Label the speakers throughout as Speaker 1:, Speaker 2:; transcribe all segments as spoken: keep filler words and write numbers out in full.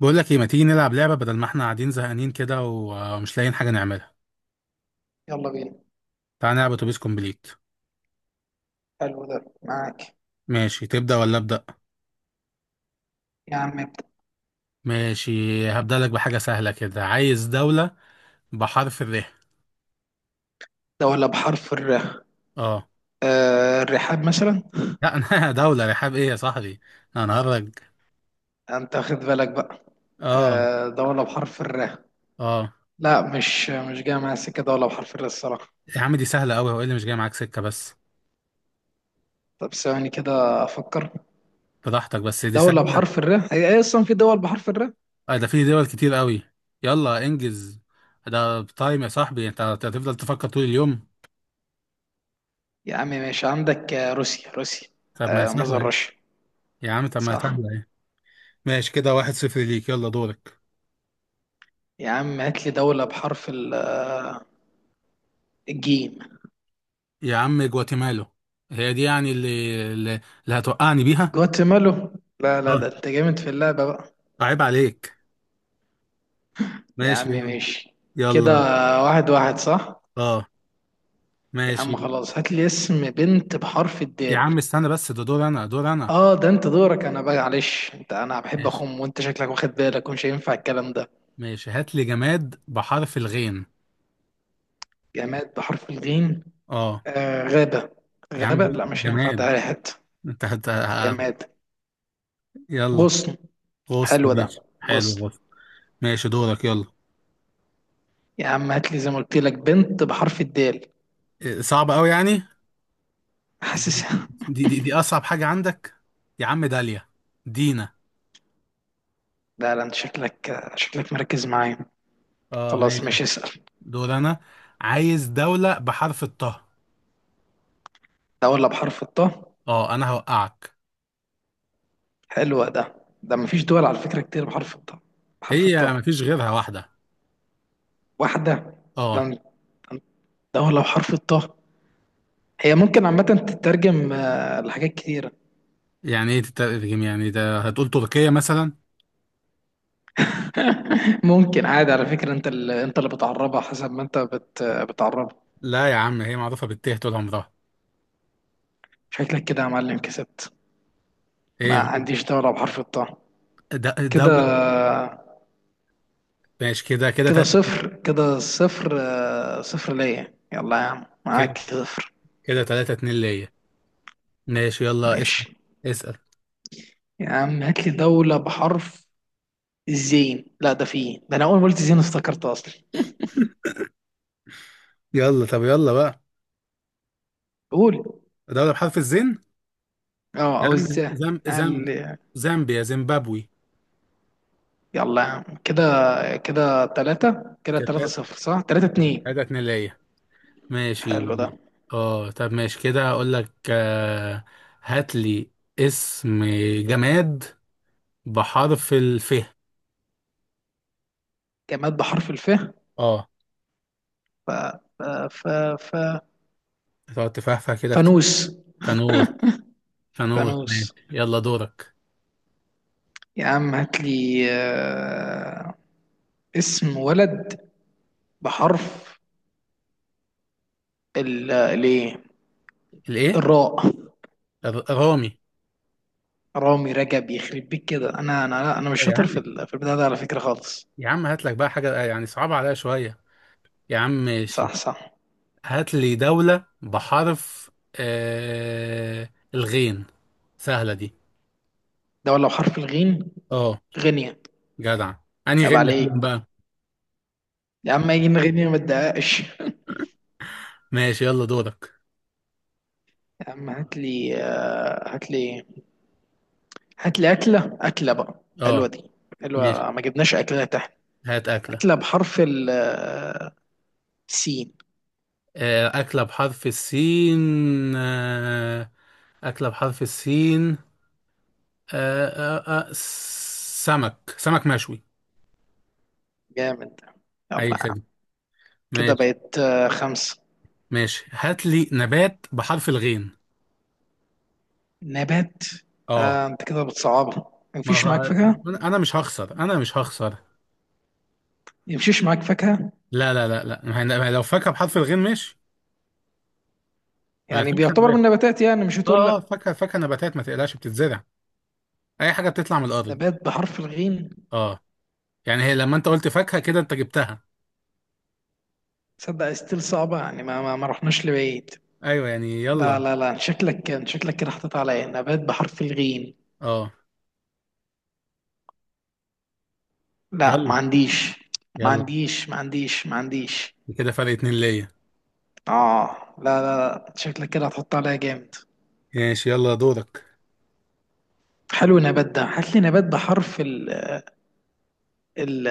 Speaker 1: بقول لك ايه، ما تيجي نلعب لعبة بدل ما احنا قاعدين زهقانين كده ومش لاقيين حاجة نعملها.
Speaker 2: يلا بينا.
Speaker 1: تعال نلعب اتوبيس كومبليت.
Speaker 2: حلو ده معاك.
Speaker 1: ماشي، تبدأ ولا أبدأ؟
Speaker 2: يا عم ابدأ.
Speaker 1: ماشي، هبدأ لك بحاجة سهلة كده. عايز دولة بحرف الر.
Speaker 2: دولة بحرف الر؟
Speaker 1: اه.
Speaker 2: آه، الرحاب مثلا.
Speaker 1: لا انا دولة رحاب ايه يا صاحبي؟ انا هرج.
Speaker 2: انت واخد بالك بقى؟
Speaker 1: اه.
Speaker 2: آه، دولة بحرف الر.
Speaker 1: اه.
Speaker 2: لا، مش مش جاية معايا سكة دولة بحرف الر الصراحة.
Speaker 1: يا عم دي سهلة قوي، هو إيه اللي مش جاي معاك سكة بس؟
Speaker 2: طب ثواني كده افكر.
Speaker 1: براحتك بس دي
Speaker 2: دولة
Speaker 1: سهلة.
Speaker 2: بحرف الر، هي هي اصلا في دول بحرف الر؟
Speaker 1: اه ده في دول كتير قوي. يلا انجز. ده تايم يا صاحبي، انت هتفضل تفكر طول اليوم.
Speaker 2: يا عم ماشي. عندك آه، روسيا، روسيا.
Speaker 1: طب ما هي
Speaker 2: آه،
Speaker 1: سهلة
Speaker 2: مصدر
Speaker 1: ايه.
Speaker 2: روسيا.
Speaker 1: يا عم طب ما هي
Speaker 2: صح.
Speaker 1: سهلة ايه. ماشي كده واحد صفر ليك، يلا دورك.
Speaker 2: يا عم هات لي دولة بحرف ال- آه، الجيم.
Speaker 1: يا عم جواتيمالا. هي دي يعني اللي اللي اللي هتوقعني بيها.
Speaker 2: جواتيمالا؟ لا لا،
Speaker 1: آه،
Speaker 2: ده انت جامد في اللعبة بقى.
Speaker 1: عيب عليك.
Speaker 2: يا
Speaker 1: ماشي
Speaker 2: عم
Speaker 1: يلا.
Speaker 2: ماشي. كده
Speaker 1: يلا.
Speaker 2: واحد واحد صح.
Speaker 1: اه.
Speaker 2: يا
Speaker 1: ماشي.
Speaker 2: عم خلاص، هات لي اسم بنت بحرف
Speaker 1: يا
Speaker 2: الدال.
Speaker 1: عم استنى بس ده دور انا، دور انا.
Speaker 2: اه ده انت دورك. انا بقى معلش انت، انا بحب
Speaker 1: ماشي.
Speaker 2: اخم، وانت شكلك واخد بالك ومش هينفع الكلام ده.
Speaker 1: ماشي هات لي جماد بحرف الغين.
Speaker 2: جماد بحرف الغين؟
Speaker 1: اه.
Speaker 2: آه، غابة.
Speaker 1: يا عم
Speaker 2: غابة
Speaker 1: قول
Speaker 2: لا مش هينفع،
Speaker 1: جماد.
Speaker 2: تعالى حتة.
Speaker 1: انت هت... ه-
Speaker 2: جماد.
Speaker 1: يلا.
Speaker 2: غصن.
Speaker 1: غصن؟
Speaker 2: حلو ده
Speaker 1: ماشي حلو
Speaker 2: غصن.
Speaker 1: غصن. ماشي دورك يلا.
Speaker 2: يا عم هات لي زي ما قلت لك بنت بحرف الدال.
Speaker 1: إيه، صعب قوي يعني؟
Speaker 2: حاسس.
Speaker 1: دي دي دي اصعب حاجة عندك. يا عم داليا. دينا.
Speaker 2: لا لا، انت شكلك شكلك مركز معايا.
Speaker 1: اه
Speaker 2: خلاص
Speaker 1: ماشي.
Speaker 2: ماشي اسأل.
Speaker 1: دور انا. عايز دولة بحرف الطه.
Speaker 2: ده ولا بحرف الطاء؟
Speaker 1: اه انا هوقعك.
Speaker 2: حلو ده. ده مفيش دول على فكرة كتير بحرف الطاء. بحرف
Speaker 1: هي
Speaker 2: الطاء؟
Speaker 1: مفيش غيرها واحدة.
Speaker 2: واحدة؟
Speaker 1: اه.
Speaker 2: ده، دولة بحرف الطاء. هي ممكن عامة تترجم آه، لحاجات كتيرة.
Speaker 1: يعني ايه تترجم؟ يعني ده هتقول تركيا مثلا؟
Speaker 2: ممكن عادي على فكرة، انت اللي انت اللي بتعربها حسب ما انت بت... بتعربها.
Speaker 1: لا يا عم هي معروفة بالته طول عمرها.
Speaker 2: شكلك كده يا معلم كسبت. ما
Speaker 1: ايه.
Speaker 2: عنديش دولة بحرف الطاء.
Speaker 1: د-
Speaker 2: كده
Speaker 1: دولة. ماشي كده. كده
Speaker 2: كده
Speaker 1: تلاتة.
Speaker 2: صفر كده صفر آه، صفر ليا، يلا يا عم
Speaker 1: كده
Speaker 2: معاك صفر.
Speaker 1: كده تلاتة اتنين ليا. ماشي يلا اسأل.
Speaker 2: ماشي.
Speaker 1: اسأل.
Speaker 2: يا عم هات لي دولة بحرف الزين. لا، ده فيه، ده انا اول ما قلت زين افتكرته اصلا.
Speaker 1: يلا طب يلا بقى.
Speaker 2: قول.
Speaker 1: دولة بحرف الزين.
Speaker 2: اه
Speaker 1: يا
Speaker 2: او
Speaker 1: عم
Speaker 2: الزين.
Speaker 1: زم زم،
Speaker 2: قال.
Speaker 1: زامبيا، زيمبابوي.
Speaker 2: يلا يا عم. كده كده تلاتة كده تلاتة
Speaker 1: كده
Speaker 2: صفر، صح، تلاتة اتنين.
Speaker 1: تلاتة اتنين ليا.
Speaker 2: حلو ده.
Speaker 1: ماشي. اه طب ماشي. كده اقول لك، آه هات لي اسم، جماد بحرف الف.
Speaker 2: جماد بحرف الف.
Speaker 1: اه.
Speaker 2: ف ف ف ف
Speaker 1: تقعد تفهفه كده كتير.
Speaker 2: فانوس.
Speaker 1: فانوس. فانوس
Speaker 2: فانوس.
Speaker 1: ماشي، يلا دورك.
Speaker 2: يا عم هات لي آه، اسم ولد بحرف ال الايه...
Speaker 1: الايه.
Speaker 2: الراء.
Speaker 1: الر- رامي.
Speaker 2: رامي، رجب، يخرب بيك كده. انا انا لا، انا مش
Speaker 1: لا يا
Speaker 2: شاطر
Speaker 1: عم.
Speaker 2: في ال- في البتاع ده على فكرة خالص.
Speaker 1: يا عم هات لك بقى حاجه آه، يعني صعبه عليا شويه. يا عم ماشي.
Speaker 2: صح صح.
Speaker 1: هات لي دولة بحرف آه الغين. سهلة دي.
Speaker 2: ده ولو حرف الغين.
Speaker 1: اه.
Speaker 2: غينيا.
Speaker 1: جدع. انهي
Speaker 2: عيب
Speaker 1: غين يا فندم
Speaker 2: عليك.
Speaker 1: بقى؟
Speaker 2: يا عم يجي غينيا، ما تدققش. يا
Speaker 1: ماشي يلا دورك.
Speaker 2: عم هات لي آه، هات لي هات لي اكله. اكله بقى حلوه
Speaker 1: اه.
Speaker 2: دي.
Speaker 1: ماشي
Speaker 2: حلوه، ما جبناش اكله تحت.
Speaker 1: هات أكلة.
Speaker 2: اكله بحرف ال آه، سين.
Speaker 1: آه، أكلة بحرف السين. آه، أكلة بحرف السين. آه، آه، آه، سمك، سمك مشوي.
Speaker 2: جامد ده.
Speaker 1: أي
Speaker 2: يلا يا عم.
Speaker 1: خدمة.
Speaker 2: كده
Speaker 1: ماشي.
Speaker 2: بقت آه، خمسه.
Speaker 1: ماشي هات لي نبات بحرف الغين.
Speaker 2: نبات؟
Speaker 1: اه.
Speaker 2: آه، انت كده بتصعبها،
Speaker 1: ما
Speaker 2: مفيش معاك فاكهه؟
Speaker 1: أنا أنا مش هخسر، أنا مش هخسر.
Speaker 2: مفيش معاك فاكهه.
Speaker 1: لا لا لا لا ما هي- ما هي لو فاكهة بحرف الغين ماشي. ما هي
Speaker 2: يعني
Speaker 1: فاكهة
Speaker 2: بيعتبر من
Speaker 1: نبات.
Speaker 2: النباتات، يعني مش هتقول
Speaker 1: اه اه
Speaker 2: لا.
Speaker 1: فاكهة، فاكهة نباتات ما تقلقش بتتزرع. أي حاجة بتطلع من الأرض.
Speaker 2: نبات بحرف الغين.
Speaker 1: اه. يعني هي لما أنت قلت فاكهة كده أنت جبتها.
Speaker 2: تصدق ستيل صعبه، يعني ما ما ما رحناش لبعيد.
Speaker 1: أيوه يعني
Speaker 2: لا
Speaker 1: يلا.
Speaker 2: لا لا، شكلك كان، شكلك كده حطيت عليا نبات بحرف الغين.
Speaker 1: اه.
Speaker 2: لا
Speaker 1: يلا.
Speaker 2: ما عنديش. ما
Speaker 1: يلا.
Speaker 2: عنديش، ما عنديش، ما عنديش.
Speaker 1: كده فرق اتنين ليا.
Speaker 2: اه لا لا لا، شكلك كده هتحط عليا جامد.
Speaker 1: ماشي يلا دورك.
Speaker 2: حلو النبات ده. هات لي نبات بحرف ال ال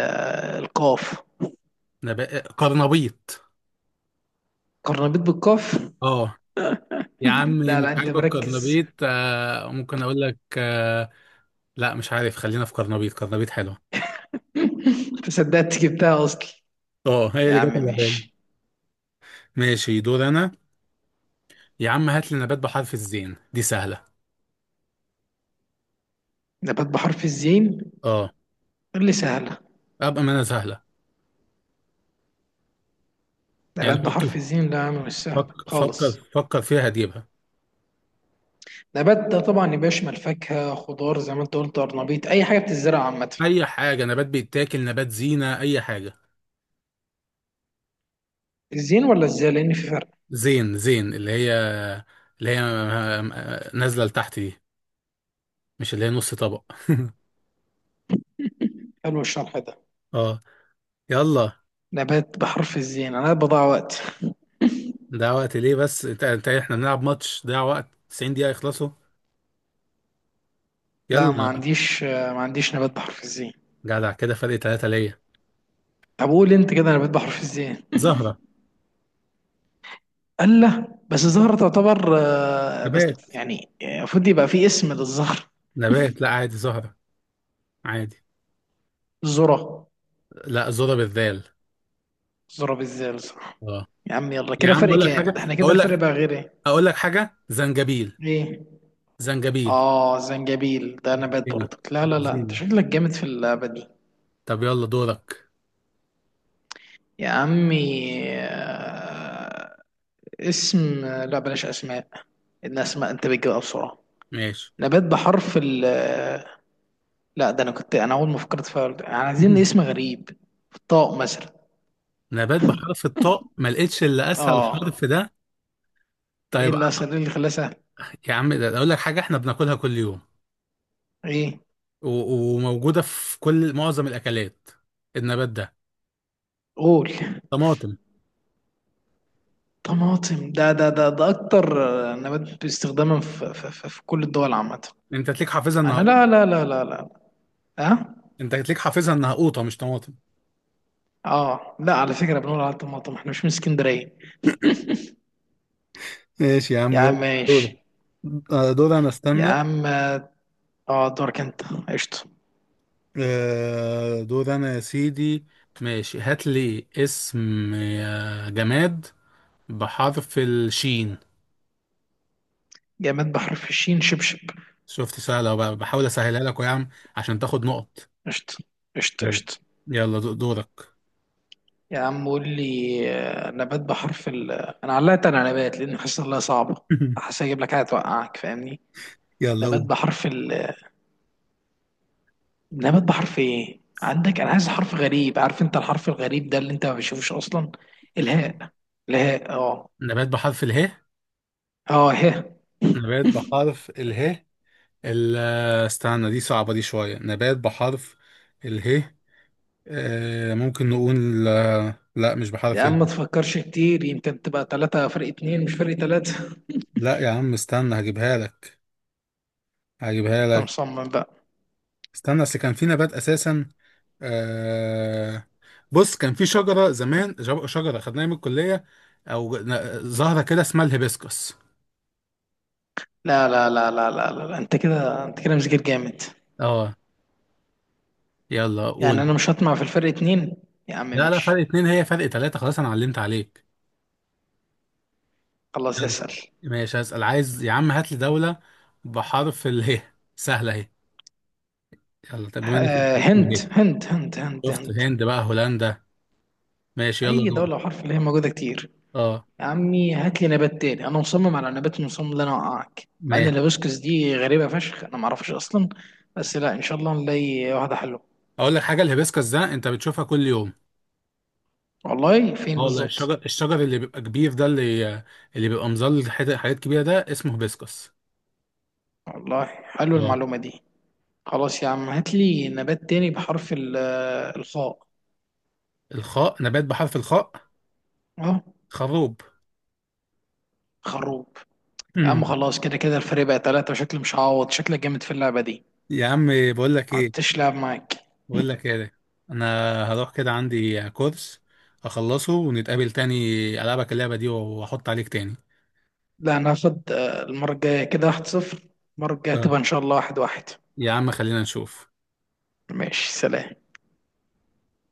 Speaker 2: القاف.
Speaker 1: انا بقى قرنبيط.
Speaker 2: قرنبيط بالقاف.
Speaker 1: اه. يا عم
Speaker 2: لا
Speaker 1: مش
Speaker 2: لا، انت
Speaker 1: عاجبك
Speaker 2: مركز.
Speaker 1: قرنبيط؟ آه ممكن اقول لك آه لا مش عارف، خلينا في قرنبيط، قرنبيط حلوه.
Speaker 2: انت صدقت جبتها اصلا.
Speaker 1: اه هي
Speaker 2: يا
Speaker 1: اللي جت
Speaker 2: عم
Speaker 1: على بالي.
Speaker 2: ماشي.
Speaker 1: ماشي دور انا. يا عم هات لي نبات بحرف الزين دي سهله.
Speaker 2: نبات بحرف الزين؟
Speaker 1: اه.
Speaker 2: اللي سهله.
Speaker 1: ابقى ما انا سهله. يعني
Speaker 2: نبات بحرف
Speaker 1: فكر.
Speaker 2: الزين لا يا عم مش سهله
Speaker 1: فكر فكر
Speaker 2: خالص.
Speaker 1: فكر فيها هتجيبها.
Speaker 2: نبات ده طبعا يبقى يشمل فاكهة، خضار، زي ما انت قلت أرنبيط، أي حاجة بتتزرع عامة.
Speaker 1: اي حاجه نبات بيتاكل، نبات زينه اي حاجه.
Speaker 2: الزين ولا الزا؟ لأن في فرق.
Speaker 1: زين زين اللي هي، اللي هي آه، آه، نازله لتحت دي، مش اللي هي نص طبق.
Speaker 2: حلو الشرح ده.
Speaker 1: اه. يلا.
Speaker 2: نبات بحرف الزين، أنا بضيع وقت.
Speaker 1: ده وقت ليه بس؟ انت انت احنا بنلعب ماتش، ده وقت 90 دقيقة يخلصوا.
Speaker 2: لا، ما
Speaker 1: يلا.
Speaker 2: عنديش. ما عنديش نبات بحرف الزين.
Speaker 1: جدع، كده فرق ثلاثة ليا.
Speaker 2: طب قول أنت كده نبات بحرف الزين.
Speaker 1: زهرة.
Speaker 2: ألا بس الزهرة تعتبر آه، بس...
Speaker 1: نبات.
Speaker 2: يعني آه، المفروض يبقى في اسم للزهر.
Speaker 1: نبات لا عادي زهرة. عادي.
Speaker 2: الذرة.
Speaker 1: لا زهرة بالذال.
Speaker 2: الذرة بالزال صح.
Speaker 1: اه.
Speaker 2: يا عم يلا،
Speaker 1: يا
Speaker 2: كده
Speaker 1: عم
Speaker 2: فرق
Speaker 1: اقول لك
Speaker 2: كام
Speaker 1: حاجة،
Speaker 2: ده؟ احنا كده
Speaker 1: اقول
Speaker 2: الفرق
Speaker 1: لك،
Speaker 2: بقى غير ايه؟
Speaker 1: اقول لك حاجة: زنجبيل.
Speaker 2: ايه؟
Speaker 1: زنجبيل.
Speaker 2: اه زنجبيل ده نبات
Speaker 1: هنا
Speaker 2: برضك. لا لا لا، انت
Speaker 1: بالزين.
Speaker 2: شكلك جامد في اللعبة دي.
Speaker 1: طب يلا دورك.
Speaker 2: يا عمي، آه، اسم آه، لا بلاش اسماء. الاسماء انت بتجيبها بسرعه.
Speaker 1: ماشي.
Speaker 2: نبات بحرف ال آه، لا ده انا كنت، انا اول ما فكرت فيها قلت- يعني عايزين اسم غريب. طاق مثلا.
Speaker 1: نبات بحرف الطاء ما لقيتش الا اسهل
Speaker 2: اه.
Speaker 1: حرف ده.
Speaker 2: ايه
Speaker 1: طيب.
Speaker 2: اللي اسهل؟ إيه اللي خلاه سهل؟
Speaker 1: يا عم ده اقول لك حاجة، احنا بناكلها كل يوم،
Speaker 2: ايه؟
Speaker 1: و- وموجودة في كل معظم الأكلات. النبات ده
Speaker 2: قول.
Speaker 1: طماطم.
Speaker 2: طماطم؟ ده ده ده ده اكتر آه، نبات استخداما في, في, في, في كل الدول عامه.
Speaker 1: أنت تليك حافظها إنها
Speaker 2: انا
Speaker 1: قوطة.
Speaker 2: لا لا لا لا لا. ها.
Speaker 1: أنت تليك حافظها إنها قوطة مش طماطم.
Speaker 2: اه لا، على فكره بنقول على الطماطم، احنا مش من اسكندريه.
Speaker 1: ماشي يا عم
Speaker 2: يا عم
Speaker 1: يلا دور.
Speaker 2: ماشي.
Speaker 1: دور انا
Speaker 2: يا
Speaker 1: استنى.
Speaker 2: عم. اه دورك انت. قشطة.
Speaker 1: آه، دور انا يا سيدي. ماشي هات لي اسم، آه، جماد بحرف الشين.
Speaker 2: جماد بحر في الشين؟ شبشب.
Speaker 1: شفت سهلة، وب- بحاول أسهلها لك يا عم عشان تاخد نقط.
Speaker 2: قشطة. قشطة،
Speaker 1: يلا.
Speaker 2: قشطة.
Speaker 1: يلا دو- دورك.
Speaker 2: يا عم قول لي آه، نبات بحرف ال. انا علقت على نبات لان حاسس انها صعبة. حاسس اجيب لك حاجة توقعك، فاهمني؟
Speaker 1: يلا
Speaker 2: نبات
Speaker 1: قول.
Speaker 2: بحرف ال. نبات بحرف ايه عندك؟ انا عايز حرف غريب، عارف انت الحرف الغريب ده اللي انت ما بتشوفوش اصلا. الهاء. الهاء اه.
Speaker 1: نبات بحرف اله.
Speaker 2: اه، ها.
Speaker 1: نبات بحرف اله. ال- استنى دي صعبة، دي شوية نبات بحرف اله. آه ممكن نقول آه، لا مش
Speaker 2: يا
Speaker 1: بحرف
Speaker 2: عم ما
Speaker 1: ال.
Speaker 2: تفكرش كتير، يمكن تبقى ثلاثة فرق اتنين مش فرق ثلاثة.
Speaker 1: لا يا عم استنى هجيبها لك. هجيبها
Speaker 2: انت
Speaker 1: لك.
Speaker 2: مصمم بقى.
Speaker 1: استنى اصل كان في نبات اساسا. آه بص كان في شجرة زمان جب- شجرة خدناها من الكلية. او ن- زهرة كده اسمها الهيبسكس.
Speaker 2: لا لا لا لا لا لا، لا. انت كده، انت كده مذاكر جامد.
Speaker 1: اه. يلا
Speaker 2: يعني
Speaker 1: قول
Speaker 2: انا
Speaker 1: بقى.
Speaker 2: مش هطمع في الفرق اتنين. يا عم
Speaker 1: لا لا، فرق
Speaker 2: ماشي.
Speaker 1: اتنين هي فرق تلاتة خلاص، انا علمت عليك.
Speaker 2: خلاص
Speaker 1: يلا.
Speaker 2: اسأل.
Speaker 1: ماشي هسأل. عايز يا عم هات لي دولة بحرف اله. سهلة اهي. يلا طب بما انك
Speaker 2: آه،
Speaker 1: ليك في
Speaker 2: هند،
Speaker 1: البيت.
Speaker 2: هند، هند، هند،
Speaker 1: شفت
Speaker 2: هند.
Speaker 1: هند بقى، هولندا. ماشي يلا
Speaker 2: اي
Speaker 1: دور.
Speaker 2: دولة وحرف اللي هي موجودة كتير.
Speaker 1: اه
Speaker 2: يا عمي هات لي نبات تاني. انا مصمم على نبات، مصمم ان انا اوقعك، مع ان
Speaker 1: ماشي.
Speaker 2: الهيبسكس دي غريبة فشخ، انا معرفش اصلا. بس لا، ان شاء الله نلاقي واحدة حلوة.
Speaker 1: اقول لك حاجه، الهيبسكس ده انت بتشوفها كل يوم.
Speaker 2: والله فين
Speaker 1: اه والله،
Speaker 2: بالظبط؟
Speaker 1: الشجر الشجر اللي بيبقى كبير ده، اللي اللي بيبقى مظل حت- حاجات كبيره، ده اسمه هيبسكس.
Speaker 2: والله حلوة
Speaker 1: اه.
Speaker 2: المعلومة دي. خلاص يا عم هات لي نبات تاني بحرف ال- آه، الخاء.
Speaker 1: الخاء، نبات بحرف الخاء.
Speaker 2: اه.
Speaker 1: خروب.
Speaker 2: خروب. يا عم خلاص، كده كده الفريق بقى تلاتة وشكلي مش هعوض، شكلك جامد في اللعبة دي.
Speaker 1: يا عم بقول لك ايه،
Speaker 2: عدتش لعب معاك.
Speaker 1: بقول لك ايه ده. انا هروح كده عندي كورس، اخلصه ونتقابل تاني، العبك اللعبه دي واحط عليك تاني.
Speaker 2: لا انا هاخد آه، المرة الجاية. كده واحد صفر. المرة الجاية
Speaker 1: آه.
Speaker 2: تبقى ان شاء الله واحد واحد.
Speaker 1: يا عم خلينا نشوف.
Speaker 2: ماشي سلام.